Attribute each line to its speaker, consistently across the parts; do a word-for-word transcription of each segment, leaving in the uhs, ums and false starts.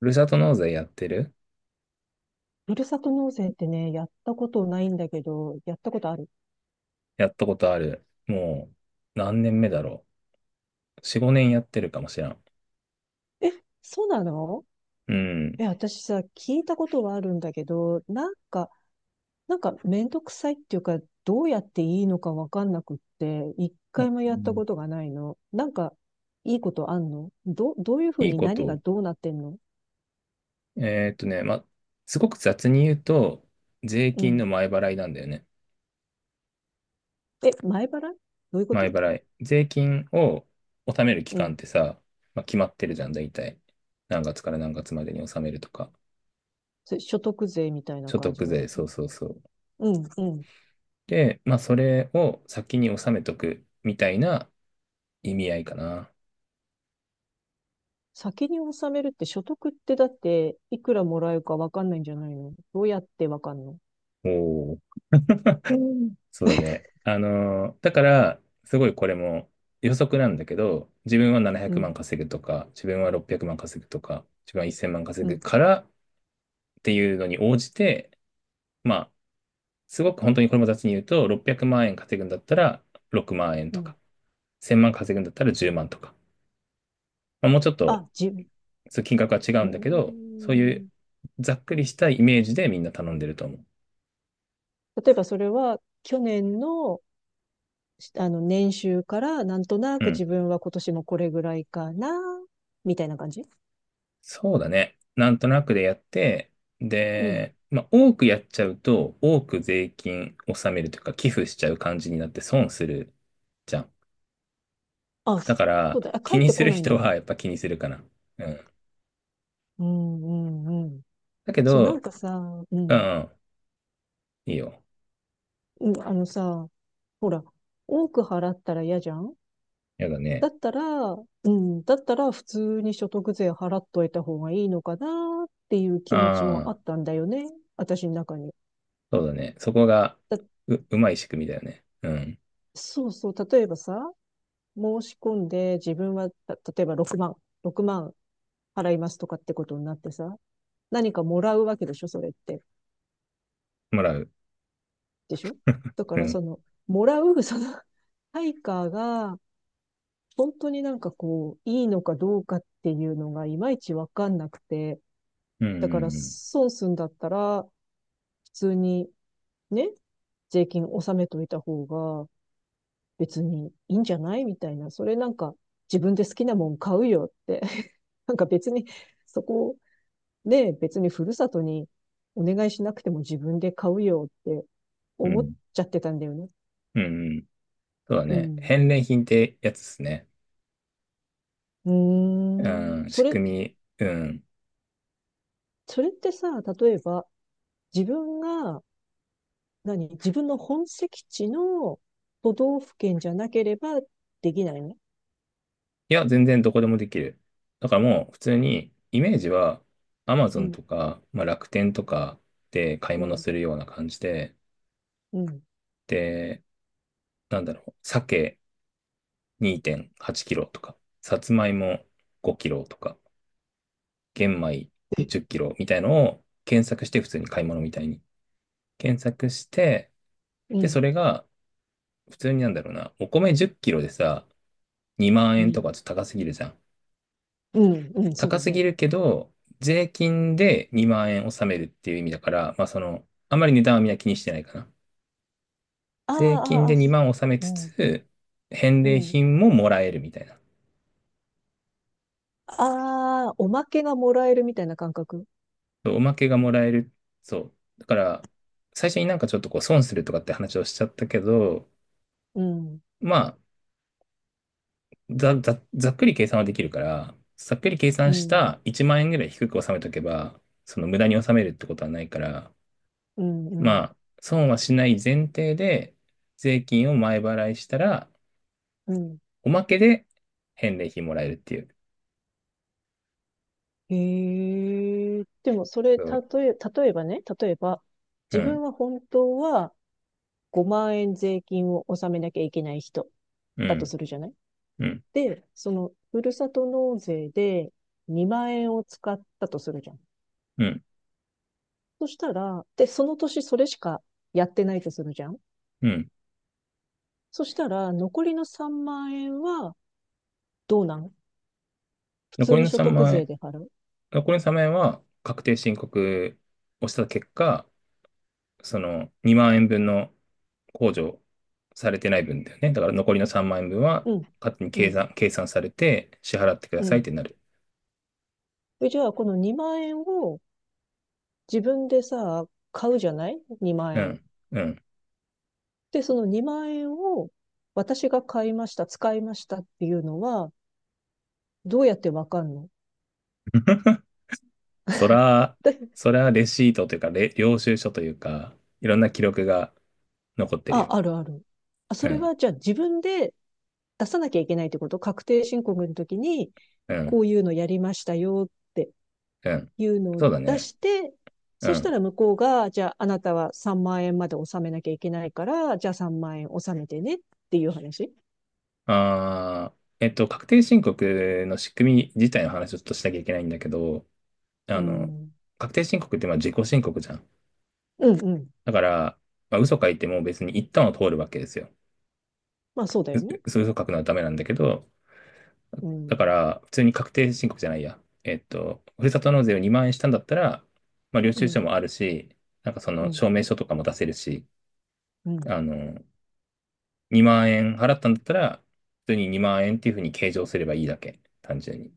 Speaker 1: ふるさと納税やってる。
Speaker 2: ふるさと納税ってね、やったことないんだけど、やったことある？
Speaker 1: やったことある。もう、何年目だろう。よん、ごねんやってるかもしらん。
Speaker 2: え、そうなの？
Speaker 1: うん。
Speaker 2: え、私さ、聞いたことはあるんだけど、なんか、なんかめんどくさいっていうか、どうやっていいのかわかんなくって、一
Speaker 1: あ
Speaker 2: 回も
Speaker 1: う
Speaker 2: やった
Speaker 1: ん。
Speaker 2: ことがないの。なんか、いいことあんの？ど、どういうふう
Speaker 1: いい
Speaker 2: に
Speaker 1: こ
Speaker 2: 何が
Speaker 1: と。
Speaker 2: どうなってんの？
Speaker 1: えーっとね、ま、すごく雑に言うと、税
Speaker 2: う
Speaker 1: 金
Speaker 2: ん。
Speaker 1: の前払いなんだよね。
Speaker 2: え、前払い？どういうこと？
Speaker 1: 前払い。税金を納める期
Speaker 2: う
Speaker 1: 間っ
Speaker 2: ん。
Speaker 1: てさ、まあ、決まってるじゃん、大体。何月から何月までに納めるとか。
Speaker 2: それ所得税みたいな
Speaker 1: 所得
Speaker 2: 感じの
Speaker 1: 税、
Speaker 2: こと？
Speaker 1: そうそうそう。
Speaker 2: うん、うん。
Speaker 1: で、まあ、それを先に納めとくみたいな意味合いかな。
Speaker 2: 先に納めるって、所得ってだっていくらもらえるかわかんないんじゃないの？どうやってわかんの？
Speaker 1: お そうだね。あのー、だから、すごいこれも予測なんだけど、自分は700
Speaker 2: う
Speaker 1: 万
Speaker 2: ん、
Speaker 1: 稼ぐとか、自分はろっぴゃくまん稼ぐとか、自分はいっせんまん稼
Speaker 2: う
Speaker 1: ぐ
Speaker 2: ん、
Speaker 1: からっていうのに応じて、まあ、すごく本当にこれも雑に言うと、ろっぴゃくまん円稼ぐんだったらろくまん円
Speaker 2: う
Speaker 1: とか、
Speaker 2: ん。
Speaker 1: いっせんまん稼ぐんだったらじゅうまんとか、まあ、もうちょっと
Speaker 2: あ、自分、
Speaker 1: そう金額は違
Speaker 2: う
Speaker 1: う
Speaker 2: ー
Speaker 1: んだけど、そういう
Speaker 2: ん。
Speaker 1: ざっくりしたイメージでみんな頼んでると思う。
Speaker 2: 例えばそれは去年の、あの年収からなんとな
Speaker 1: う
Speaker 2: く自
Speaker 1: ん。
Speaker 2: 分は今年もこれぐらいかな、みたいな感じ？
Speaker 1: そうだね。なんとなくでやって、
Speaker 2: うん。
Speaker 1: で、まあ、多くやっちゃうと、多く税金納めるというか、寄付しちゃう感じになって損するじゃん。
Speaker 2: あ、
Speaker 1: だか
Speaker 2: そ
Speaker 1: ら、
Speaker 2: うだ。あ、
Speaker 1: 気
Speaker 2: 帰っ
Speaker 1: に
Speaker 2: て
Speaker 1: す
Speaker 2: こ
Speaker 1: る
Speaker 2: ないん
Speaker 1: 人
Speaker 2: だ。
Speaker 1: はやっぱ気にするかな。うん。
Speaker 2: うん、うん、うん。
Speaker 1: だけ
Speaker 2: そう、なん
Speaker 1: ど、
Speaker 2: かさ、う
Speaker 1: う
Speaker 2: ん、
Speaker 1: ん、いいよ。
Speaker 2: うん、あのさ、ほら、多く払ったら嫌じゃん。
Speaker 1: やだ
Speaker 2: だ
Speaker 1: ね。
Speaker 2: ったら、うん、だったら普通に所得税払っといた方がいいのかなっていう気持ちもあ
Speaker 1: ああ、
Speaker 2: ったんだよね。私の中に。
Speaker 1: そうだね。そこが、
Speaker 2: だ、
Speaker 1: う、うまい仕組みだよね。うん。
Speaker 2: そうそう、例えばさ、申し込んで自分は、た例えばろくまん、ろくまん払いますとかってことになってさ、何かもらうわけでしょ、それって。
Speaker 1: もらう。
Speaker 2: でしょ？だか
Speaker 1: う
Speaker 2: ら
Speaker 1: ん。
Speaker 2: その、もらう、その、対価が、本当になんかこう、いいのかどうかっていうのがいまいちわかんなくて、
Speaker 1: うん、
Speaker 2: だから
Speaker 1: うん、
Speaker 2: 損すんだったら、普通にね、税金納めといた方が別にいいんじゃないみたいな、それなんか自分で好きなもん買うよって、なんか別にそこね、別にふるさとにお願いしなくても自分で買うよって
Speaker 1: うん。う
Speaker 2: 思っ
Speaker 1: ん、
Speaker 2: ちゃってたんだよね。
Speaker 1: うん。うん、そうだ
Speaker 2: う
Speaker 1: ね。
Speaker 2: ん。
Speaker 1: 返礼品ってやつですね。
Speaker 2: うー
Speaker 1: う
Speaker 2: ん。
Speaker 1: ん、
Speaker 2: そ
Speaker 1: 仕
Speaker 2: れ、
Speaker 1: 組み。うん。
Speaker 2: それってさ、例えば自分が、何自分の本籍地の都道府県じゃなければできないの？
Speaker 1: いや、全然どこでもできる。だからもう普通にイメージは
Speaker 2: う
Speaker 1: Amazon
Speaker 2: ん、
Speaker 1: とか、まあ、楽天とかで買い
Speaker 2: う
Speaker 1: 物
Speaker 2: ん、
Speaker 1: するような感じで、
Speaker 2: うん。
Speaker 1: で、なんだろう、鮭にてんはちキロとか、さつまいもごキロとか、玄米じゅっキロみたいのを検索して普通に買い物みたいに検索して、
Speaker 2: う
Speaker 1: で、
Speaker 2: ん、
Speaker 1: それが普通になんだろうな、お米じゅっキロでさ、にまん
Speaker 2: う
Speaker 1: 円と
Speaker 2: ん、
Speaker 1: かちょっと高すぎるじゃん。
Speaker 2: うん、うん、そう
Speaker 1: 高
Speaker 2: だ
Speaker 1: す
Speaker 2: ね。
Speaker 1: ぎるけど、税金でにまん円納めるっていう意味だから、まあその、あまり値段はみんな気にしてないかな。
Speaker 2: あ
Speaker 1: 税金
Speaker 2: あ、あ
Speaker 1: で
Speaker 2: あ、
Speaker 1: にまん納め
Speaker 2: う
Speaker 1: つ
Speaker 2: ん、
Speaker 1: つ、返
Speaker 2: う
Speaker 1: 礼
Speaker 2: ん。
Speaker 1: 品ももらえるみたいな。
Speaker 2: ああ、おまけがもらえるみたいな感覚。
Speaker 1: そう、おまけがもらえる。そう。だから、最初になんかちょっとこう損するとかって話をしちゃったけど、
Speaker 2: うん、
Speaker 1: まあ、ざ、ざ、ざっくり計算はできるから、ざっくり計
Speaker 2: う
Speaker 1: 算し
Speaker 2: ん、
Speaker 1: たいちまん円ぐらい低く納めとけば、その無駄に納めるってことはないから、
Speaker 2: うん、う
Speaker 1: ま
Speaker 2: ん、
Speaker 1: あ、損はしない前提で、税金を前払いしたら、
Speaker 2: うん。
Speaker 1: おまけで返礼品もらえるっていう。
Speaker 2: へえ。でも、それ、
Speaker 1: そ
Speaker 2: 例
Speaker 1: う。
Speaker 2: え、例えばね、例えば、
Speaker 1: う
Speaker 2: 自
Speaker 1: ん、
Speaker 2: 分は本当はごまん円税金を納めなきゃいけない人
Speaker 1: う
Speaker 2: だと
Speaker 1: ん、
Speaker 2: するじゃない？
Speaker 1: うん、
Speaker 2: で、その、ふるさと納税でにまん円を使ったとするじゃん。
Speaker 1: うん、
Speaker 2: そしたら、で、その年それしかやってないとするじゃん。
Speaker 1: うん。
Speaker 2: そしたら、残りのさんまん円は、どうなん？普
Speaker 1: 残
Speaker 2: 通
Speaker 1: り
Speaker 2: に
Speaker 1: の
Speaker 2: 所
Speaker 1: 3
Speaker 2: 得
Speaker 1: 万
Speaker 2: 税
Speaker 1: 円、
Speaker 2: で払う？
Speaker 1: 残りのさんまん円は確定申告をした結果、そのにまん円分の控除されてない分だよね。だから残りのさんまん円分は
Speaker 2: うん、
Speaker 1: 勝手に
Speaker 2: う
Speaker 1: 計
Speaker 2: ん、
Speaker 1: 算、計算されて支払ってくだ
Speaker 2: う
Speaker 1: さいっ
Speaker 2: ん。
Speaker 1: てなる。
Speaker 2: でじゃあ、このにまん円を自分でさ、買うじゃない ?に 万
Speaker 1: う
Speaker 2: 円。
Speaker 1: ん、うん。
Speaker 2: で、そのにまん円を私が買いました、使いましたっていうのは、どうやってわかんの？
Speaker 1: そら、
Speaker 2: で、
Speaker 1: そらレシートというか、れ領収書というか、いろんな記録が残ってる
Speaker 2: あ、
Speaker 1: よ。
Speaker 2: あるある。あ、そ
Speaker 1: う
Speaker 2: れ
Speaker 1: ん、
Speaker 2: はじゃあ自分で出さなきゃいけないってこと？確定申告の時に、
Speaker 1: う
Speaker 2: こ
Speaker 1: ん、
Speaker 2: ういうのやりましたよって、
Speaker 1: うん。
Speaker 2: いうのを
Speaker 1: そうだ
Speaker 2: 出
Speaker 1: ね。
Speaker 2: して、
Speaker 1: う
Speaker 2: そした
Speaker 1: ん。
Speaker 2: ら向こうが、じゃああなたはさんまん円まで納めなきゃいけないから、じゃあさんまん円納めてねっていう話。
Speaker 1: あー、えっと、確定申告の仕組み自体の話をちょっとしなきゃいけないんだけど、あ
Speaker 2: う
Speaker 1: の、
Speaker 2: ん。
Speaker 1: 確定申告ってまあ自己申告じゃん。
Speaker 2: うんうん。
Speaker 1: だから、まあ、嘘書いても別に一旦は通るわけですよ。
Speaker 2: まあそうだよ
Speaker 1: う
Speaker 2: ね。
Speaker 1: 嘘書くのはダメなんだけど、
Speaker 2: う
Speaker 1: だか
Speaker 2: ん。
Speaker 1: ら、普通に確定申告じゃないや。えっと、ふるさと納税をにまん円したんだったら、まあ、領
Speaker 2: う
Speaker 1: 収書
Speaker 2: ん。
Speaker 1: もあるし、なんかそ
Speaker 2: う
Speaker 1: の
Speaker 2: ん。
Speaker 1: 証明書とかも出せるし、
Speaker 2: うん。
Speaker 1: あの、にまん円払ったんだったら、普通ににまん円っていうふうに計上すればいいだけ。単純に。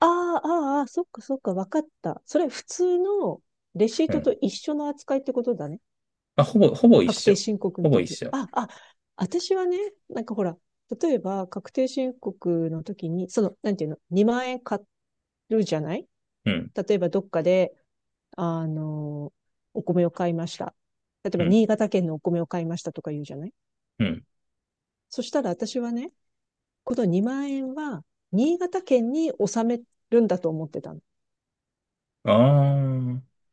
Speaker 2: ああ、あーあー、そっかそっか、わかった。それ普通のレシー
Speaker 1: う
Speaker 2: トと
Speaker 1: ん。
Speaker 2: 一緒の扱いってことだね。
Speaker 1: まあ、ほぼ、ほぼ一
Speaker 2: 確定
Speaker 1: 緒。
Speaker 2: 申告の
Speaker 1: ほぼ一
Speaker 2: 時。
Speaker 1: 緒。
Speaker 2: あ、あ、私はね、なんかほら、例えば確定申告の時に、その、なんていうの、にまん円買るじゃない？
Speaker 1: うん、
Speaker 2: 例えばどっかで、あの、お米を買いました。例え
Speaker 1: う
Speaker 2: ば
Speaker 1: ん、
Speaker 2: 新潟県のお米を買いましたとか言うじゃない？
Speaker 1: うん。
Speaker 2: そしたら私はね、このにまん円は新潟県に納めるんだと思ってたの。
Speaker 1: ああ、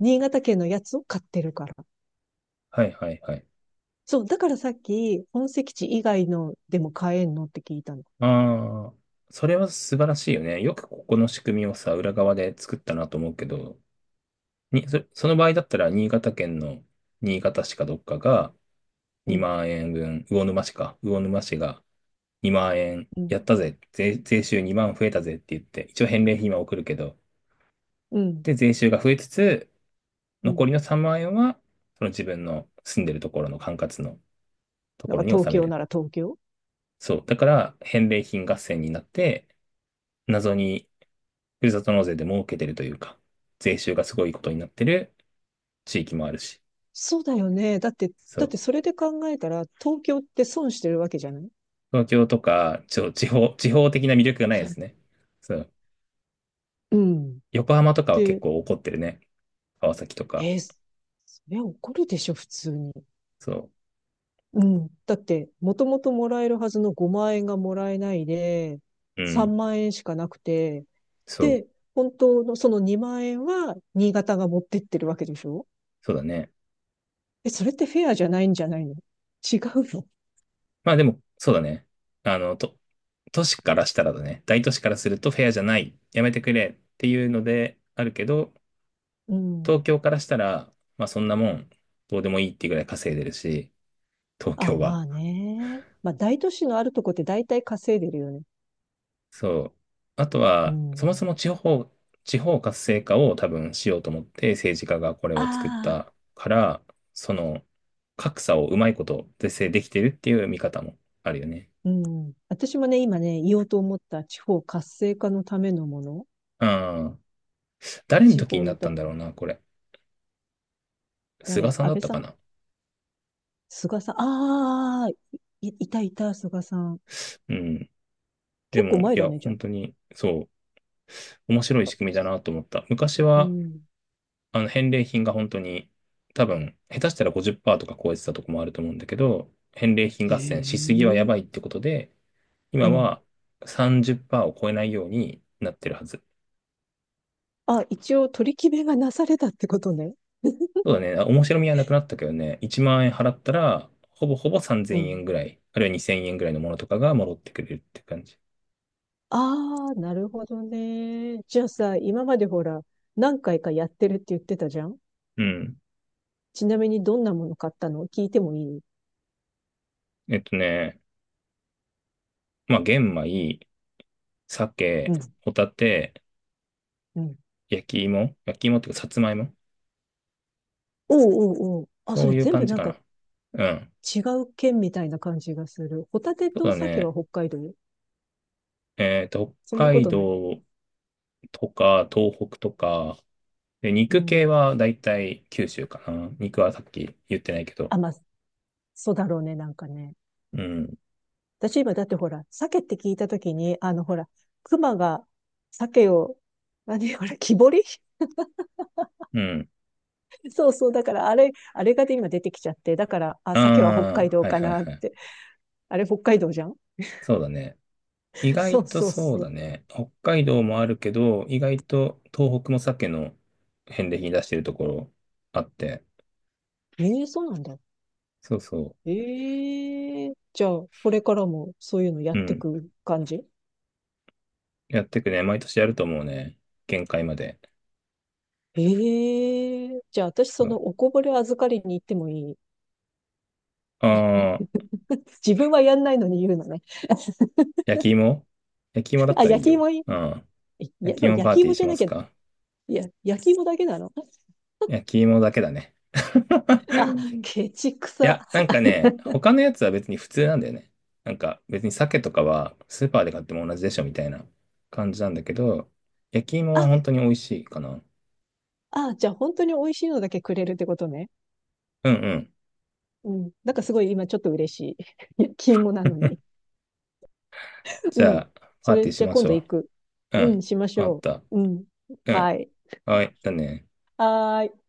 Speaker 2: 新潟県のやつを買ってるから。
Speaker 1: はいはいはい。
Speaker 2: そう、だからさっき本籍地以外のでも買えんのって聞いたの。
Speaker 1: ああ、それは素晴らしいよね。よくここの仕組みをさ、裏側で作ったなと思うけど、に、そ、その場合だったら、新潟県の新潟市かどっかが
Speaker 2: うん、
Speaker 1: にまん円分、魚沼市か、魚沼市がにまん円
Speaker 2: うん、
Speaker 1: やったぜ、税、税収にまん増えたぜって言って、一応返礼品は送るけど、
Speaker 2: うん。
Speaker 1: で、税収が増えつつ、
Speaker 2: う
Speaker 1: 残
Speaker 2: ん。
Speaker 1: りのさんまん円は、その自分の住んでるところの管轄のと
Speaker 2: なん
Speaker 1: こ
Speaker 2: か
Speaker 1: ろに
Speaker 2: 東
Speaker 1: 納め
Speaker 2: 京
Speaker 1: る。
Speaker 2: なら東京。
Speaker 1: そう。だから、返礼品合戦になって、謎にふるさと納税で儲けてるというか、税収がすごいことになってる地域もあるし。
Speaker 2: そうだよね。だって、
Speaker 1: そ
Speaker 2: だっ
Speaker 1: う。
Speaker 2: てそれで考えたら、東京って損してるわけじゃない？
Speaker 1: 東京とか、ちょ、地方、地方的な魅力がないですね。そう。
Speaker 2: うん。
Speaker 1: 横浜とかは結
Speaker 2: で、
Speaker 1: 構怒ってるね。川崎とか。
Speaker 2: えーそれ怒るでしょ、普通に。
Speaker 1: そ
Speaker 2: うん。だって、もともともらえるはずのごまん円がもらえないで、
Speaker 1: う。うん。
Speaker 2: さんまん円しかなくて、
Speaker 1: そう。
Speaker 2: で、本当のそのにまん円は新潟が持ってってるわけでしょ？
Speaker 1: そうだね。
Speaker 2: え、それってフェアじゃないんじゃないの？違うの？
Speaker 1: まあでも、そうだね。あの、と、都市からしたらだね。大都市からするとフェアじゃない。やめてくれっていうのであるけど、
Speaker 2: うん。
Speaker 1: 東京からしたら、まあそんなもん、どうでもいいっていうぐらい稼いでるし、東
Speaker 2: あ、
Speaker 1: 京は。
Speaker 2: まあね。まあ大都市のあるとこって大体稼いでるよね。
Speaker 1: そう。あと
Speaker 2: う
Speaker 1: は、そもそ
Speaker 2: ん。
Speaker 1: も地方、地方活性化を多分しようと思って政治家がこれを作っ
Speaker 2: ああ、
Speaker 1: たから、その格差をうまいこと是正できてるっていう見方もあるよね。
Speaker 2: うん。私もね、今ね、言おうと思った地方活性化のためのもの。
Speaker 1: うん。誰の
Speaker 2: 地
Speaker 1: 時にな
Speaker 2: 方
Speaker 1: った
Speaker 2: だ、
Speaker 1: んだろうな、これ。菅
Speaker 2: 誰？
Speaker 1: さん
Speaker 2: 安
Speaker 1: だっ
Speaker 2: 倍
Speaker 1: た
Speaker 2: さ
Speaker 1: か
Speaker 2: ん？
Speaker 1: な。
Speaker 2: 菅さん？ああー、い、いたいた、菅さん。
Speaker 1: うん。で
Speaker 2: 結構
Speaker 1: も、い
Speaker 2: 前だ
Speaker 1: や、
Speaker 2: ね、じゃ
Speaker 1: 本当に、そう、面白い
Speaker 2: あ。
Speaker 1: 仕組みだなと思った。昔
Speaker 2: う
Speaker 1: は、
Speaker 2: ん。
Speaker 1: あの、返礼品が本当に、多分、下手したらごじゅっパーセントとか超えてたとこもあると思うんだけど、返礼品
Speaker 2: へ
Speaker 1: 合戦しすぎはや
Speaker 2: え。
Speaker 1: ばいってことで、
Speaker 2: う
Speaker 1: 今
Speaker 2: ん。
Speaker 1: はさんじゅっパーセントを超えないようになってるはず。
Speaker 2: あ、一応取り決めがなされたってことね。
Speaker 1: そうだね。あ面白みはなくなったけどね。いちまん円払ったら、ほぼほぼ
Speaker 2: う
Speaker 1: さんぜんえん
Speaker 2: ん。
Speaker 1: ぐらい、あるいはにせんえんぐらいのものとかが戻ってくれるって感じ。
Speaker 2: ああ、なるほどね。じゃあさ、今までほら、何回かやってるって言ってたじゃん。
Speaker 1: うん。
Speaker 2: ちなみにどんなもの買ったの？聞いてもいい？
Speaker 1: えっとね、まあ、玄米、
Speaker 2: う
Speaker 1: 鮭、
Speaker 2: ん、
Speaker 1: ホタテ、
Speaker 2: うん。
Speaker 1: 焼き芋、焼き芋っていうか、さつまいも。
Speaker 2: おうおうおう。あ、そ
Speaker 1: そ
Speaker 2: れ
Speaker 1: ういう
Speaker 2: 全
Speaker 1: 感
Speaker 2: 部
Speaker 1: じ
Speaker 2: なん
Speaker 1: か
Speaker 2: か
Speaker 1: な。うん。
Speaker 2: 違う県みたいな感じがする。ホタテ
Speaker 1: そう
Speaker 2: と
Speaker 1: だ
Speaker 2: 鮭は
Speaker 1: ね。
Speaker 2: 北海道？
Speaker 1: えっと、
Speaker 2: そん
Speaker 1: 北
Speaker 2: なこ
Speaker 1: 海
Speaker 2: とない。
Speaker 1: 道とか、東北とか、で、
Speaker 2: う
Speaker 1: 肉系
Speaker 2: ん。
Speaker 1: はだいたい九州かな。肉はさっき言ってないけど。
Speaker 2: あ、まあ、そうだろうね、なんかね。
Speaker 1: うん。
Speaker 2: 私今だってほら、鮭って聞いたときに、あのほら、熊が鮭を、何ほら、木彫り
Speaker 1: うん。
Speaker 2: そうそう。だから、あれ、あれがで今出てきちゃって。だから、あ、鮭は北
Speaker 1: あ
Speaker 2: 海
Speaker 1: あ、
Speaker 2: 道
Speaker 1: はい
Speaker 2: か
Speaker 1: はい
Speaker 2: なっ
Speaker 1: はい。
Speaker 2: て。あれ、北海道じゃん？
Speaker 1: そうだね。意
Speaker 2: そ
Speaker 1: 外
Speaker 2: う
Speaker 1: と
Speaker 2: そう
Speaker 1: そう
Speaker 2: そ
Speaker 1: だ
Speaker 2: う。
Speaker 1: ね。北海道もあるけど、意外と東北も鮭の返礼品出してるところあって。
Speaker 2: ええそうなんだ。
Speaker 1: そうそ
Speaker 2: ええじゃあ、これからもそういうのやっ
Speaker 1: う。う
Speaker 2: て
Speaker 1: ん。
Speaker 2: く感じ？
Speaker 1: やってくね。毎年やると思うね。限界まで。
Speaker 2: ええじゃあ私
Speaker 1: そ
Speaker 2: その
Speaker 1: う。
Speaker 2: おこぼれ預かりに行ってもいい？
Speaker 1: ああ、
Speaker 2: 自分はやんないのに言うのね。
Speaker 1: 焼き芋焼き芋だっ
Speaker 2: あ、
Speaker 1: たらい
Speaker 2: 焼
Speaker 1: い
Speaker 2: き
Speaker 1: よ。
Speaker 2: 芋いい？
Speaker 1: うん。
Speaker 2: えい
Speaker 1: 焼
Speaker 2: や
Speaker 1: き芋
Speaker 2: 焼
Speaker 1: パー
Speaker 2: き
Speaker 1: ティー
Speaker 2: 芋じ
Speaker 1: し
Speaker 2: ゃ
Speaker 1: ま
Speaker 2: なき
Speaker 1: す
Speaker 2: ゃ、
Speaker 1: か？
Speaker 2: いや、焼き芋だけなの？
Speaker 1: 焼き芋だけだね。
Speaker 2: あ、ケチく
Speaker 1: い
Speaker 2: さ。
Speaker 1: や、なんかね、他のやつは別に普通なんだよね。なんか別に鮭とかはスーパーで買っても同じでしょみたいな感じなんだけど、焼き芋は
Speaker 2: あ、
Speaker 1: 本当に美味しいかな。
Speaker 2: あ、じゃあ本当に美味しいのだけくれるってことね。
Speaker 1: うんうん。
Speaker 2: うん。なんかすごい今ちょっと嬉しい。焼き芋なのに。う
Speaker 1: じゃ
Speaker 2: ん。
Speaker 1: あ、パ
Speaker 2: そ
Speaker 1: ー
Speaker 2: れ
Speaker 1: ティーし
Speaker 2: じゃあ
Speaker 1: ま
Speaker 2: 今
Speaker 1: し
Speaker 2: 度
Speaker 1: ょ
Speaker 2: 行く。
Speaker 1: う。う
Speaker 2: うん、
Speaker 1: ん。
Speaker 2: しまし
Speaker 1: わかっ
Speaker 2: ょ
Speaker 1: た。
Speaker 2: う。うん。
Speaker 1: う
Speaker 2: は
Speaker 1: ん。
Speaker 2: い。
Speaker 1: はい。だね。
Speaker 2: はーい。